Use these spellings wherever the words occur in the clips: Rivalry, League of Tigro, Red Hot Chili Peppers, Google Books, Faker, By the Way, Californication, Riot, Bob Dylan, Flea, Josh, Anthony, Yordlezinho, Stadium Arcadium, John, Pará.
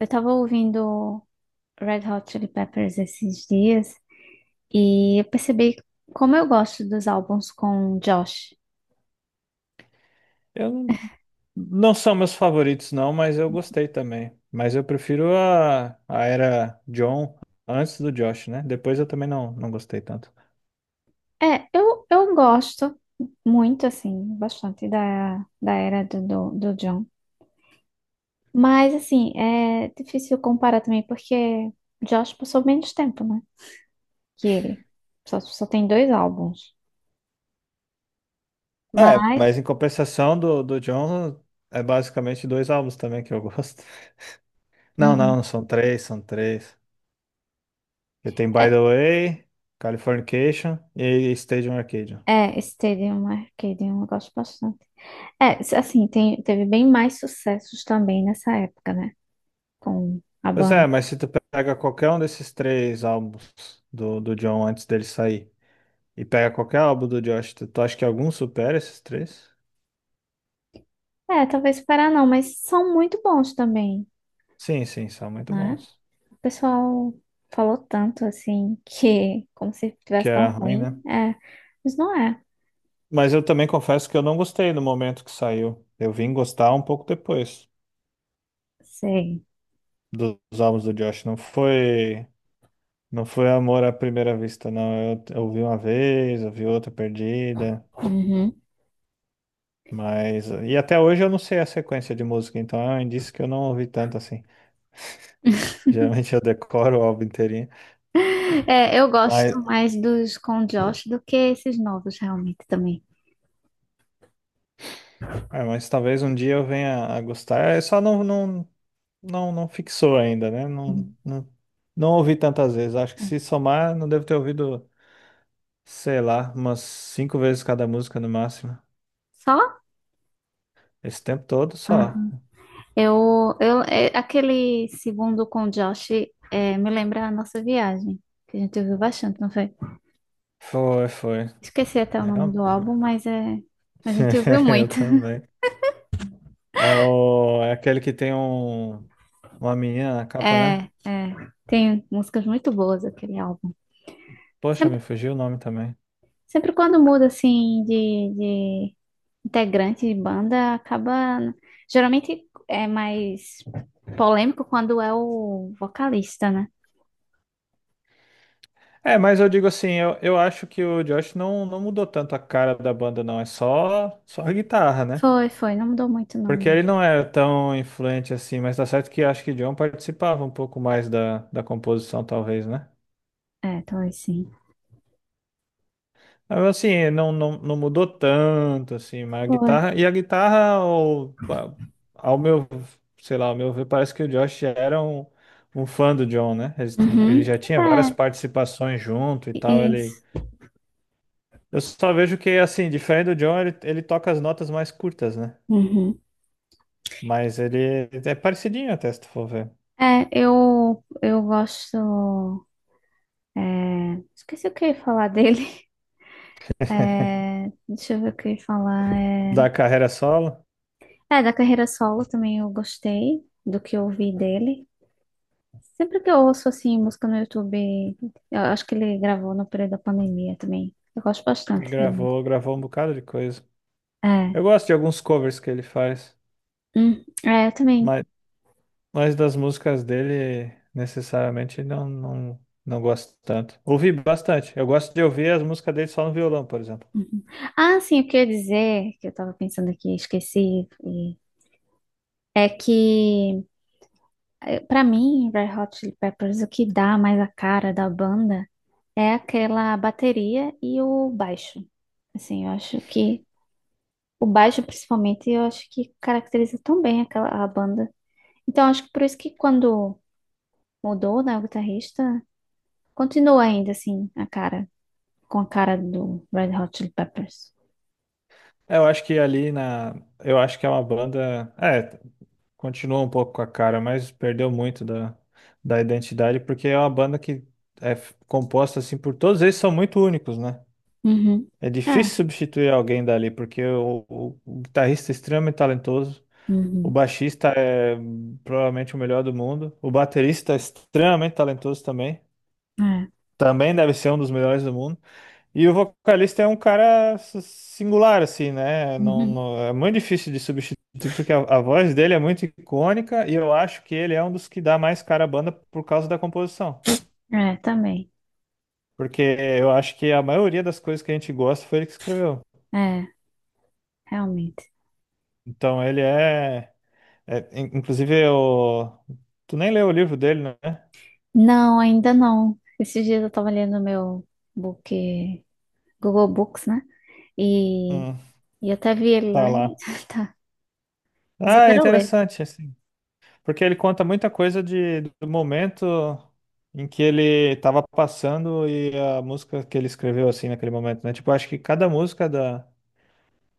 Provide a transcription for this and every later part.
Eu tava ouvindo Red Hot Chili Peppers esses dias e eu percebi como eu gosto dos álbuns com Josh. Eu não, não são meus favoritos, não, mas eu gostei também. Mas eu prefiro a era John antes do Josh, né? Depois eu também não, não gostei tanto. É, eu gosto muito, assim, bastante da era do John. Mas, assim, é difícil comparar também porque Josh passou menos tempo, né? Que ele. Só tem dois álbuns. É, Mas, mas em compensação do John, é basicamente dois álbuns também que eu gosto. Não, uhum. não, são três, são três. Porque tem By the Way, Californication e Stadium Arcadium. É, é Stadium Arcadium, eu gosto bastante. É, assim, teve bem mais sucessos também nessa época, né? Com a Pois banda. é, mas se tu pega qualquer um desses três álbuns do John antes dele sair. E pega qualquer álbum do Josh. Tu acha que algum supera esses três? É, talvez Pará não, mas são muito bons também, Sim, sim, são muito né? bons. O pessoal falou tanto, assim, que como se Que tivesse tão era ruim, ruim. né? É, mas não é. Mas eu também confesso que eu não gostei no momento que saiu. Eu vim gostar um pouco depois Sei. Dos álbuns do Josh. Não foi, não foi amor à primeira vista, não. Eu vi uma vez, eu vi outra perdida. Uhum. Mas. E até hoje eu não sei a sequência de música, então é um indício que eu não ouvi tanto assim. Geralmente eu decoro o álbum inteirinho. É, eu gosto Mas, mais dos com Josh do que esses novos, realmente, também. é, mas talvez um dia eu venha a gostar. Eu só não, não, não, não fixou ainda, né? Não, Uhum. não, não ouvi tantas vezes. Acho que É. se somar, não devo ter ouvido, sei lá, umas 5 vezes cada música no máximo. Só? Esse tempo todo só. Eu, é, aquele segundo com o Josh é, me lembra a nossa viagem, que a gente ouviu bastante, não foi? Foi, foi. Esqueci até o nome Realmente. do álbum, mas é, a gente ouviu Eu muito. também. É, o, é aquele que tem um, uma menina na capa, né? É, é, tem músicas muito boas aquele álbum. Poxa, Sempre, me fugiu o nome também. sempre quando muda, assim, de integrante de banda, acaba... Geralmente é mais polêmico quando é o vocalista, né? É, mas eu digo assim, eu acho que o Josh não, não mudou tanto a cara da banda, não. É só, só a guitarra, né? Foi, foi, não mudou muito não Porque ele mesmo. não era tão influente assim, mas tá certo que acho que John participava um pouco mais da composição, talvez, né? É, talvez sim. Mas, assim, não, não, não mudou tanto, assim, mas a Foi. guitarra. E a guitarra, ao, ao meu, sei lá, ao meu ver, parece que o Josh era um, um fã do John, né? Ele Uhum. já tinha várias participações junto e tal, ele. Isso. Eu só vejo que, assim, diferente do John, ele toca as notas mais curtas, né? Uhum. Mas ele é parecidinho até, se tu for ver. É, eu gosto. É, esqueci o que eu ia falar dele. É, deixa eu ver o que eu ia falar. É, Da carreira solo. é, da carreira solo também eu gostei do que eu ouvi dele. Sempre que eu ouço assim música no YouTube, eu acho que ele gravou no período da pandemia também. Eu gosto bastante. Gravou, gravou um bocado de coisa. É. Eu gosto de alguns covers que ele faz, é, eu também. mas, mas das músicas dele, necessariamente, não, não, não gosto tanto. Ouvi bastante. Eu gosto de ouvir as músicas dele só no violão, por exemplo. Ah, sim, o que eu ia dizer, que eu tava pensando aqui, esqueci, é que para mim, Red Hot Chili Peppers, o que dá mais a cara da banda é aquela bateria e o baixo. Assim, eu acho que o baixo, principalmente, eu acho que caracteriza tão bem aquela a banda. Então, acho que por isso que quando mudou, né, o guitarrista, continua ainda assim a cara, com a cara do Red Hot Chili Peppers. É, eu acho que ali na. Eu acho que é uma banda. É, continua um pouco com a cara, mas perdeu muito da, da identidade, porque é uma banda que é composta assim por todos eles são muito únicos, né? Uhum. É É. difícil substituir alguém dali, porque o, o guitarrista é extremamente talentoso. O Uhum. baixista é provavelmente o melhor do mundo. O baterista é extremamente talentoso também. É. Também deve ser um dos melhores do mundo. E o vocalista é um cara singular, assim, né? Não, Uhum. É muito difícil de substituir, porque a voz dele é muito icônica e eu acho que ele é um dos que dá mais cara à banda por causa da composição. É, também. Porque eu acho que a maioria das coisas que a gente gosta foi ele que escreveu. É, realmente. Então ele é. É inclusive, o. Tu nem leu o livro dele, né? Não, ainda não. Esses dias eu tava lendo meu book, Google Books, né? E, Hum, e até vi ele tá lá lá. e tá. Mas eu Ah, é quero ler. interessante, assim, porque ele conta muita coisa de, do momento em que ele estava passando e a música que ele escreveu, assim, naquele momento, né? Tipo, acho que cada música da.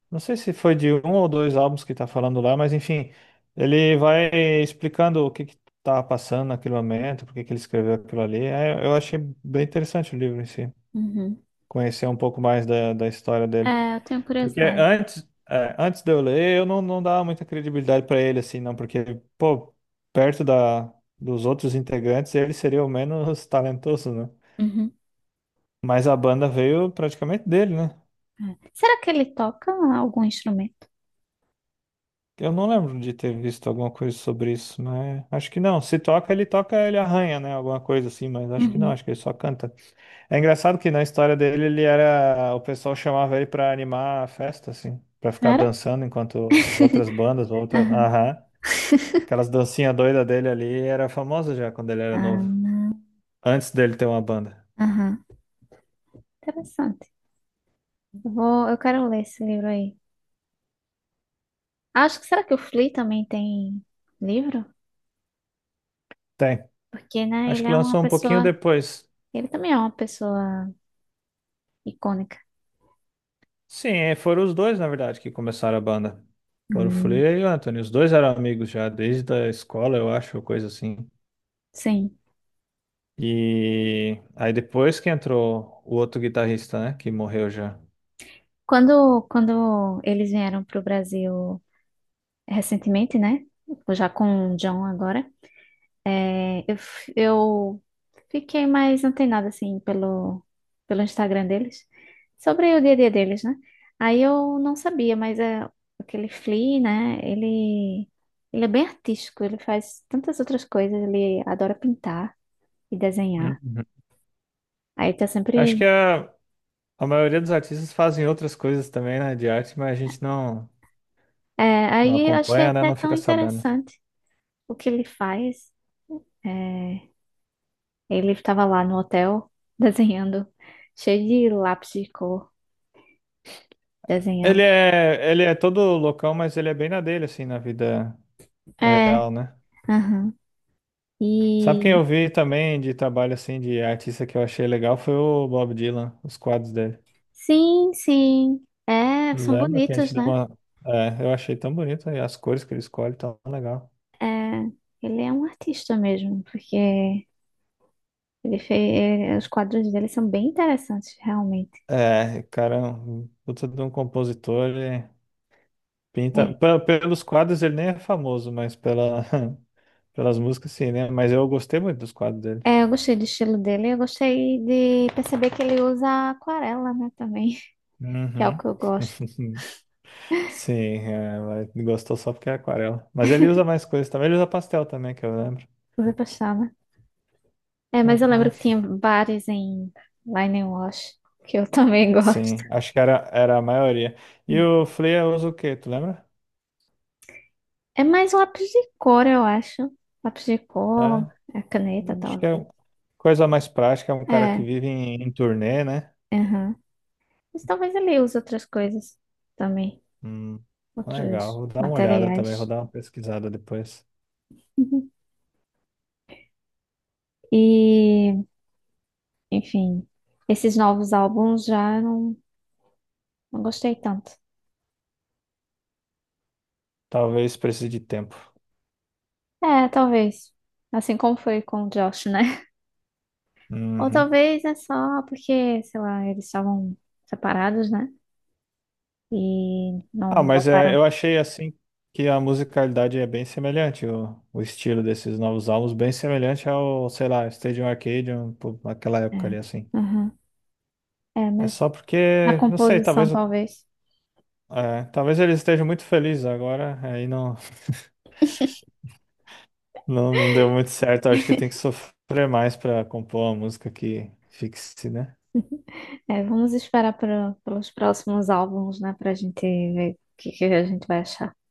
Não sei se foi de um ou dois álbuns que tá falando lá, mas enfim, ele vai explicando o que que tava passando naquele momento, por que que ele escreveu aquilo ali. É, eu achei bem interessante o livro em si, Uhum. conhecer um pouco mais da história dele. É, eu tenho Porque curiosidade. antes, é, antes de eu ler, eu não, não dava muita credibilidade pra ele, assim, não, porque, pô, perto da, dos outros integrantes, ele seria o menos talentoso, né? Uhum. Mas a banda veio praticamente dele, né? É. Será que ele toca algum instrumento? Eu não lembro de ter visto alguma coisa sobre isso, mas acho que não. Se toca, ele toca, ele arranha, né? Alguma coisa assim, mas acho que não, Uhum. acho que ele só canta. É engraçado que na história dele, ele era. O pessoal chamava ele pra animar a festa, assim, pra ficar Era? dançando enquanto outras bandas, outras. Aham. Aham. Aquelas dancinhas doidas dele ali era famosa já quando ele era Ah, novo. não. Antes dele ter uma banda. Aham. Interessante. Eu quero ler esse livro aí. Acho que será que o Flea também tem livro? Tem. Porque, né, Acho ele que é uma lançou um pouquinho pessoa, depois. ele também é uma pessoa icônica. Sim, é, foram os dois, na verdade, que começaram a banda. Foram o Hum, Flea e o Anthony. Os dois eram amigos já, desde a escola, eu acho, coisa assim. sim. E aí depois que entrou o outro guitarrista, né? Que morreu já. Quando eles vieram para o Brasil recentemente, né? Já com o John agora, é, eu fiquei mais antenada, assim, pelo Instagram deles, sobre o dia a dia deles, né? Aí eu não sabia, mas é, aquele Flea, né? Ele é bem artístico, ele faz tantas outras coisas, ele adora pintar e desenhar. Uhum. Aí tá Acho que sempre. A maioria dos artistas fazem outras coisas também, né? De arte, mas a gente não, É, não aí eu achei acompanha, né? até Não tão fica sabendo. interessante o que ele faz. É, ele estava lá no hotel desenhando, cheio de lápis de cor, desenhando. Ele é todo loucão, mas ele é bem na dele, assim, na vida É, real, né? aham. Sabe quem E eu vi também de trabalho, assim, de artista que eu achei legal foi o Bob Dylan, os quadros dele. sim, sim. É, são Lembra que a gente bonitos, deu né? uma. É, eu achei tão bonito, e as cores que ele escolhe tão legal. É, ele é um artista mesmo, porque ele fez, é, os quadros dele são bem interessantes, realmente. É, cara, é um puta de um compositor, ele pinta. É. Pelos quadros ele nem é famoso, mas pela. Pelas músicas sim, né? Mas eu gostei muito dos quadros dele. É, eu gostei do estilo dele, eu gostei de perceber que ele usa aquarela, né, também, que é o Uhum. que eu gosto. Sim, é, ela gostou só porque é aquarela. Mas ele usa mais coisas também. Ele usa pastel também, que eu lembro. Usa pastel, é, mas eu Ah, lembro que tinha bares em lá Wash, que eu também gosto. sim, acho que era, era a maioria. E o Flea usa o quê, tu lembra? É mais lápis de cor, eu acho. Lápis de cor, É, a caneta, acho que é talvez. um, coisa mais prática, é um cara que É, vive em, em turnê, né? aham. Mas talvez ele use outras coisas também, Hum, legal, outros vou dar uma olhada também, vou materiais. dar uma pesquisada depois. E, enfim, esses novos álbuns já não, não gostei tanto. Talvez precise de tempo. É, talvez. Assim como foi com o Josh, né? Ou Uhum. talvez é só porque, sei lá, eles estavam separados, né, e Ah, não mas é, voltaram. eu achei assim que a musicalidade é bem semelhante, o estilo desses novos álbuns, bem semelhante ao, sei lá, Stadium Arcadium, pô, naquela É, época ali, assim. aham. É, É mas só na, é, porque, não sei, composição talvez, o- talvez. é, talvez eles estejam muito felizes agora, aí não, não, não deu muito certo, acho que tem que sofrer mais pra compor uma música que fixe, né? É, vamos esperar para pelos próximos álbuns, né, para a gente ver o que, que a gente vai achar.